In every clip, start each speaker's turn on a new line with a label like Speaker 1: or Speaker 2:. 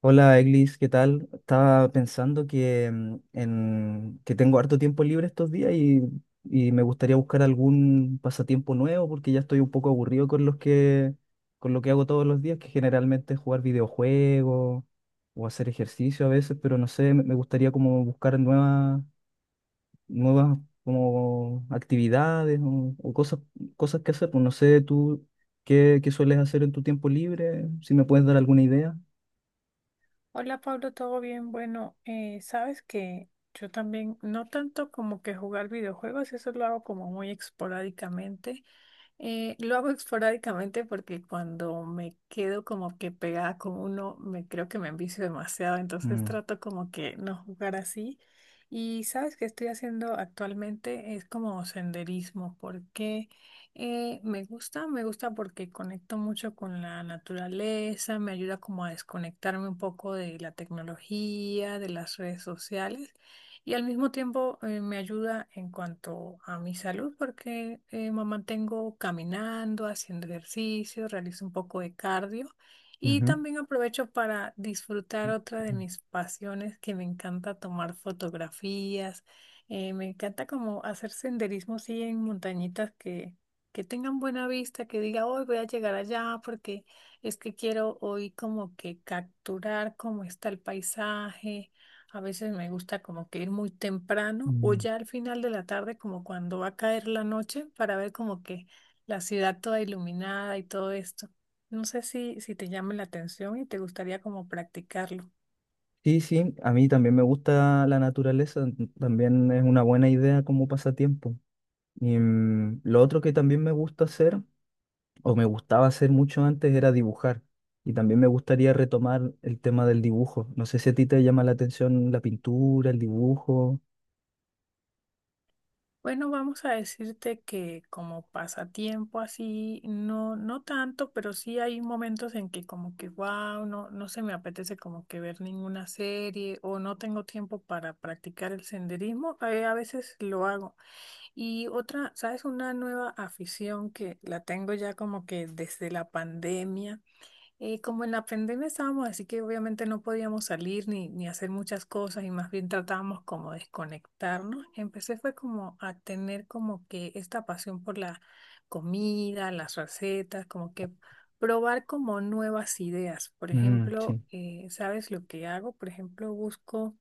Speaker 1: Hola, Eglis, ¿qué tal? Estaba pensando que, que tengo harto tiempo libre estos días y me gustaría buscar algún pasatiempo nuevo porque ya estoy un poco aburrido con con lo que hago todos los días, que generalmente es jugar videojuegos o hacer ejercicio a veces, pero no sé, me gustaría como buscar nuevas como actividades o cosas que hacer. Pues no sé, tú qué sueles hacer en tu tiempo libre, si me puedes dar alguna idea.
Speaker 2: Hola Pablo, ¿todo bien? Bueno, sabes que yo también, no tanto como que jugar videojuegos, eso lo hago como muy esporádicamente, lo hago esporádicamente porque cuando me quedo como que pegada con uno, me creo que me envicio demasiado, entonces
Speaker 1: Mm.
Speaker 2: trato como que no jugar así. Y sabes que estoy haciendo actualmente es como senderismo, porque me gusta porque conecto mucho con la naturaleza, me ayuda como a desconectarme un poco de la tecnología, de las redes sociales y al mismo tiempo me ayuda en cuanto a mi salud porque me mantengo caminando, haciendo ejercicio, realizo un poco de cardio y
Speaker 1: Ujú.
Speaker 2: también aprovecho para disfrutar otra de mis pasiones que me encanta tomar fotografías. Me encanta como hacer senderismo así en montañitas que tengan buena vista, que diga, hoy voy a llegar allá porque es que quiero hoy como que capturar cómo está el paisaje. A veces me gusta como que ir muy temprano o
Speaker 1: Mm.
Speaker 2: ya al final de la tarde, como cuando va a caer la noche, para ver como que la ciudad toda iluminada y todo esto. No sé si te llama la atención y te gustaría como practicarlo.
Speaker 1: Sí, sí, a mí también me gusta la naturaleza, también es una buena idea como pasatiempo. Y lo otro que también me gusta hacer, o me gustaba hacer mucho antes, era dibujar. Y también me gustaría retomar el tema del dibujo. No sé si a ti te llama la atención la pintura, el dibujo.
Speaker 2: Bueno, vamos a decirte que como pasatiempo así, no, no tanto, pero sí hay momentos en que como que wow, no, no se me apetece como que ver ninguna serie o no tengo tiempo para practicar el senderismo. A veces lo hago. Y otra, ¿sabes? Una nueva afición que la tengo ya como que desde la pandemia. Como en la pandemia estábamos, así que obviamente no podíamos salir ni hacer muchas cosas y más bien tratábamos como de desconectarnos. Empecé fue como a tener como que esta pasión por la comida, las recetas, como que probar como nuevas ideas. Por
Speaker 1: Mm,
Speaker 2: ejemplo,
Speaker 1: sí.
Speaker 2: ¿sabes lo que hago? Por ejemplo, busco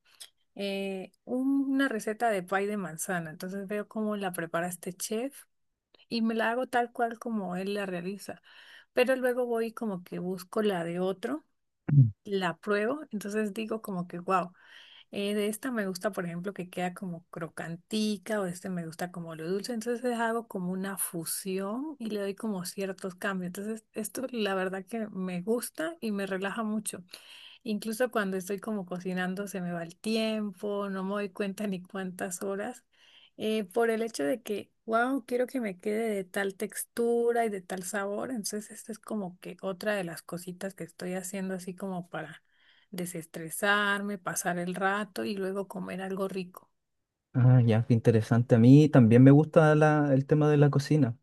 Speaker 2: una receta de pie de manzana. Entonces veo cómo la prepara este chef y me la hago tal cual como él la realiza. Pero luego voy como que busco la de otro,
Speaker 1: Mm.
Speaker 2: la pruebo, entonces digo como que, wow, de esta me gusta, por ejemplo, que queda como crocantica o este me gusta como lo dulce. Entonces hago como una fusión y le doy como ciertos cambios. Entonces esto la verdad que me gusta y me relaja mucho. Incluso cuando estoy como cocinando se me va el tiempo, no me doy cuenta ni cuántas horas, por el hecho de que, wow, quiero que me quede de tal textura y de tal sabor. Entonces, esta es como que otra de las cositas que estoy haciendo así como para desestresarme, pasar el rato y luego comer algo rico.
Speaker 1: Ah, ya, qué interesante. A mí también me gusta el tema de la cocina.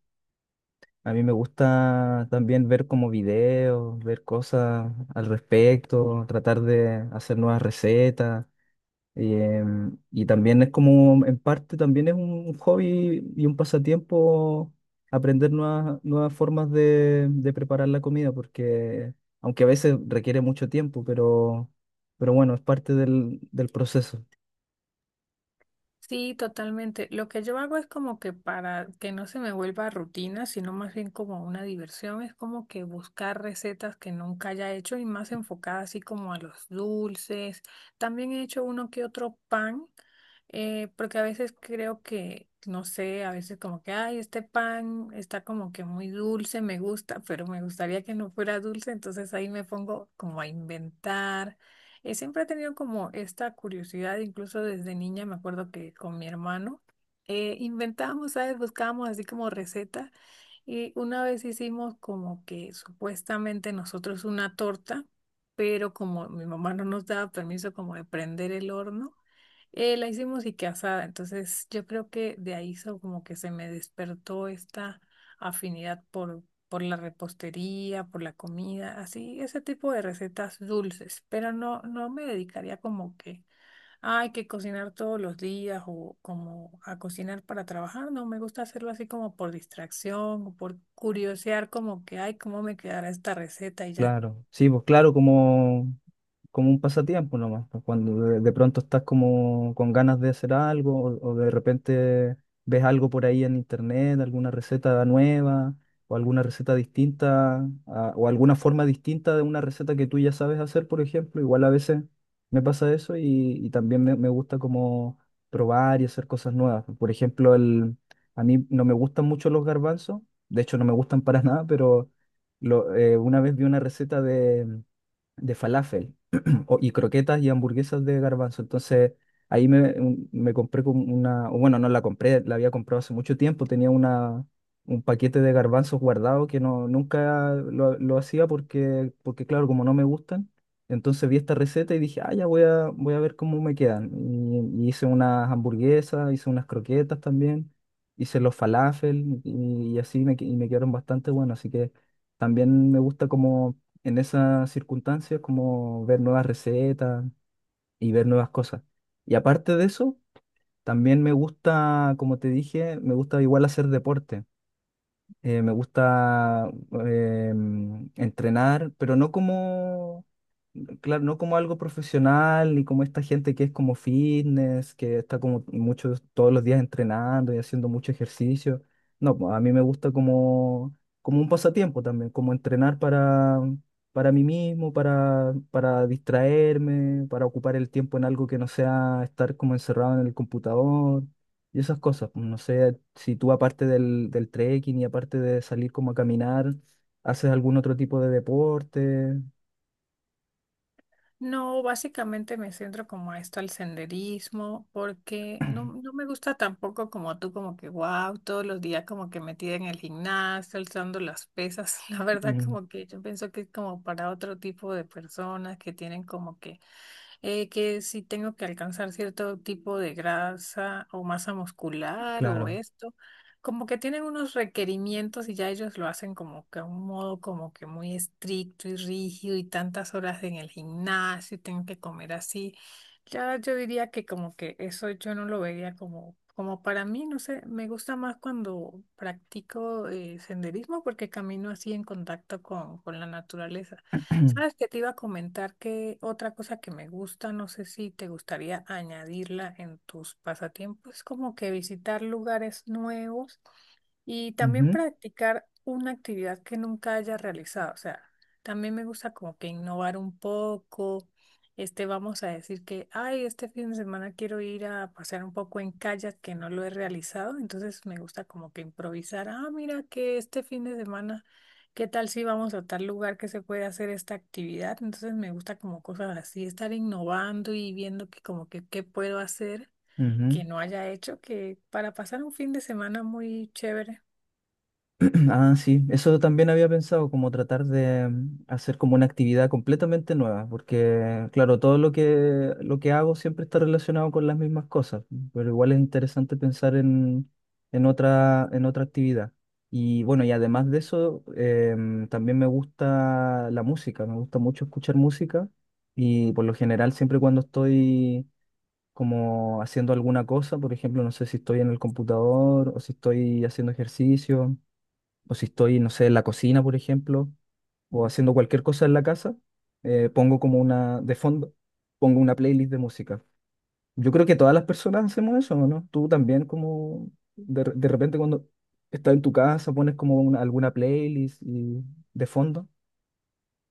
Speaker 1: A mí me gusta también ver como videos, ver cosas al respecto, tratar de hacer nuevas recetas. Y también es como, en parte, también es un hobby y un pasatiempo aprender nuevas formas de preparar la comida, porque aunque a veces requiere mucho tiempo, pero bueno, es parte del proceso.
Speaker 2: Sí, totalmente. Lo que yo hago es como que para que no se me vuelva rutina, sino más bien como una diversión, es como que buscar recetas que nunca haya hecho y más enfocadas así como a los dulces. También he hecho uno que otro pan, porque a veces creo que, no sé, a veces como que, ay, este pan está como que muy dulce, me gusta, pero me gustaría que no fuera dulce, entonces ahí me pongo como a inventar. Siempre he tenido como esta curiosidad, incluso desde niña me acuerdo que con mi hermano inventábamos, ¿sabes? Buscábamos así como receta y una vez hicimos como que supuestamente nosotros una torta, pero como mi mamá no nos daba permiso como de prender el horno, la hicimos y que asada, entonces yo creo que de ahí como que se me despertó esta afinidad por la repostería, por la comida, así, ese tipo de recetas dulces, pero no, no me dedicaría como que hay que cocinar todos los días o como a cocinar para trabajar, no, me gusta hacerlo así como por distracción o por curiosear como que, ay, cómo me quedará esta receta y ya.
Speaker 1: Claro, sí, pues claro, como... Como un pasatiempo nomás, pues, cuando de pronto estás como con ganas de hacer algo o de repente ves algo por ahí en internet, alguna receta nueva o alguna receta o alguna forma distinta de una receta que tú ya sabes hacer. Por ejemplo, igual a veces me pasa eso. Y también me gusta como probar y hacer cosas nuevas. Por ejemplo, a mí no me gustan mucho los garbanzos, de hecho no me gustan para nada, pero una vez vi una receta de falafel y croquetas y hamburguesas de garbanzo. Entonces me compré como una, o bueno, no la compré, la había comprado hace mucho tiempo, tenía un paquete de garbanzos guardado que nunca lo hacía porque, claro, como no me gustan, entonces vi esta receta y dije, ah, ya voy voy a ver cómo me quedan. Y hice unas hamburguesas, hice unas croquetas también. Hice los falafel y y me quedaron bastante buenos, así que también me gusta como en esas circunstancias, como ver nuevas recetas y ver nuevas cosas. Y aparte de eso, también me gusta, como te dije, me gusta igual hacer deporte. Me gusta entrenar, pero claro, no como algo profesional, ni como esta gente que es como fitness, que está como muchos, todos los días entrenando y haciendo mucho ejercicio. No, pues, a mí me gusta como un pasatiempo también, como entrenar para mí mismo, para distraerme, para ocupar el tiempo en algo que no sea estar como encerrado en el computador y esas cosas. Pues, no sé si tú aparte del trekking y aparte de salir como a caminar, haces algún otro tipo de deporte.
Speaker 2: No, básicamente me centro como a esto, al senderismo, porque no, no me gusta tampoco como tú, como que wow, todos los días como que metida en el gimnasio, alzando las pesas. La verdad
Speaker 1: Mm.
Speaker 2: como que yo pienso que es como para otro tipo de personas que tienen como que si tengo que alcanzar cierto tipo de grasa o masa muscular o
Speaker 1: Claro.
Speaker 2: esto, como que tienen unos requerimientos y ya ellos lo hacen como que a un modo como que muy estricto y rígido y tantas horas en el gimnasio y tengo que comer así. Ya yo diría que como que eso yo no lo vería como, como para mí, no sé, me gusta más cuando practico senderismo porque camino así en contacto con la naturaleza. Sabes que te iba a comentar que otra cosa que me gusta, no sé si te gustaría añadirla en tus pasatiempos, es como que visitar lugares nuevos. Y también
Speaker 1: Ujú,
Speaker 2: practicar una actividad que nunca haya realizado. O sea, también me gusta como que innovar un poco. Este, vamos a decir que, ay, este fin de semana quiero ir a pasear un poco en kayak que no lo he realizado. Entonces me gusta como que improvisar. Ah, mira que este fin de semana, ¿qué tal si vamos a tal lugar que se puede hacer esta actividad? Entonces me gusta como cosas así, estar innovando y viendo que como que qué puedo hacer que
Speaker 1: ujú.
Speaker 2: no haya hecho, que para pasar un fin de semana muy chévere.
Speaker 1: Ah, sí, eso también había pensado, como tratar de hacer como una actividad completamente nueva, porque claro, todo lo lo que hago siempre está relacionado con las mismas cosas, pero igual es interesante pensar en en otra actividad. Y bueno, y además de eso, también me gusta la música, me gusta mucho escuchar música y por lo general siempre cuando estoy como haciendo alguna cosa. Por ejemplo, no sé si estoy en el computador o si estoy haciendo ejercicio o si estoy, no sé, en la cocina, por ejemplo, o haciendo cualquier cosa en la casa. Pongo como de fondo, pongo una playlist de música. Yo creo que todas las personas hacemos eso, ¿no? Tú también como, de repente cuando estás en tu casa, pones como alguna playlist de fondo.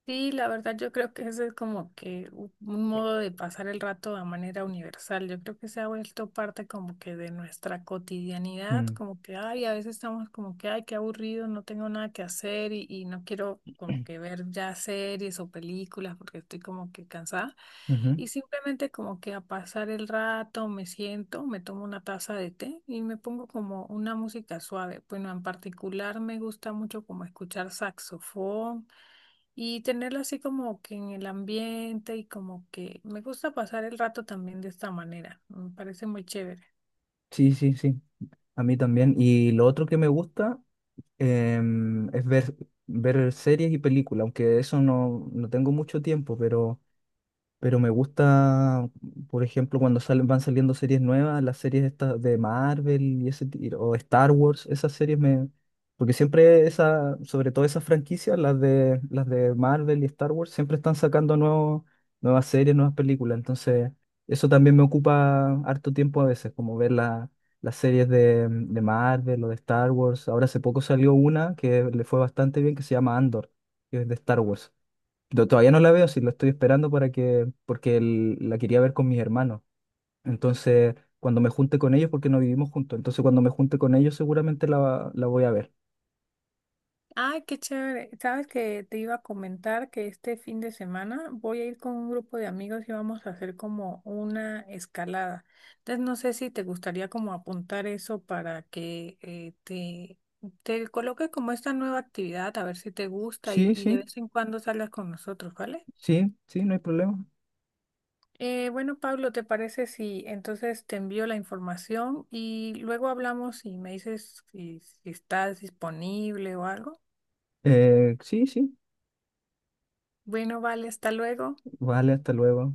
Speaker 2: Sí, la verdad yo creo que ese es como que un modo de pasar el rato de manera universal. Yo creo que se ha vuelto parte como que de nuestra cotidianidad,
Speaker 1: Mm.
Speaker 2: como que, ay, a veces estamos como que, ay, qué aburrido, no tengo nada que hacer y no quiero como que ver ya series o películas porque estoy como que cansada.
Speaker 1: Ujú.
Speaker 2: Y simplemente como que a pasar el rato me siento, me tomo una taza de té y me pongo como una música suave. Bueno, en particular me gusta mucho como escuchar saxofón. Y tenerla así como que en el ambiente y como que me gusta pasar el rato también de esta manera. Me parece muy chévere.
Speaker 1: Sí, sí, sí, a mí también. Y lo otro que me gusta es ver series y películas, aunque eso no, no tengo mucho tiempo, pero... Pero me gusta, por ejemplo, cuando van saliendo series nuevas, las series estas de Marvel y o Star Wars, esas series me... Porque siempre esa, sobre todo esas franquicias, las de Marvel y Star Wars, siempre están sacando nuevas series, nuevas películas. Entonces, eso también me ocupa harto tiempo a veces, como ver las series de Marvel o de Star Wars. Ahora hace poco salió una que le fue bastante bien, que se llama Andor, que es de Star Wars. No, todavía no la veo, sí, la estoy esperando para que, porque la quería ver con mis hermanos. Entonces, cuando me junte con ellos, porque no vivimos juntos, entonces cuando me junte con ellos seguramente la voy a ver.
Speaker 2: Ay, qué chévere. Sabes que te iba a comentar que este fin de semana voy a ir con un grupo de amigos y vamos a hacer como una escalada. Entonces no sé si te gustaría como apuntar eso para que te coloque como esta nueva actividad, a ver si te gusta
Speaker 1: Sí,
Speaker 2: y de
Speaker 1: sí,
Speaker 2: vez en cuando salgas con nosotros, ¿vale?
Speaker 1: sí, sí, no hay problema.
Speaker 2: Bueno, Pablo, ¿te parece si entonces te envío la información y luego hablamos y me dices si estás disponible o algo?
Speaker 1: Sí, sí,
Speaker 2: Bueno, vale, hasta luego.
Speaker 1: vale, hasta luego.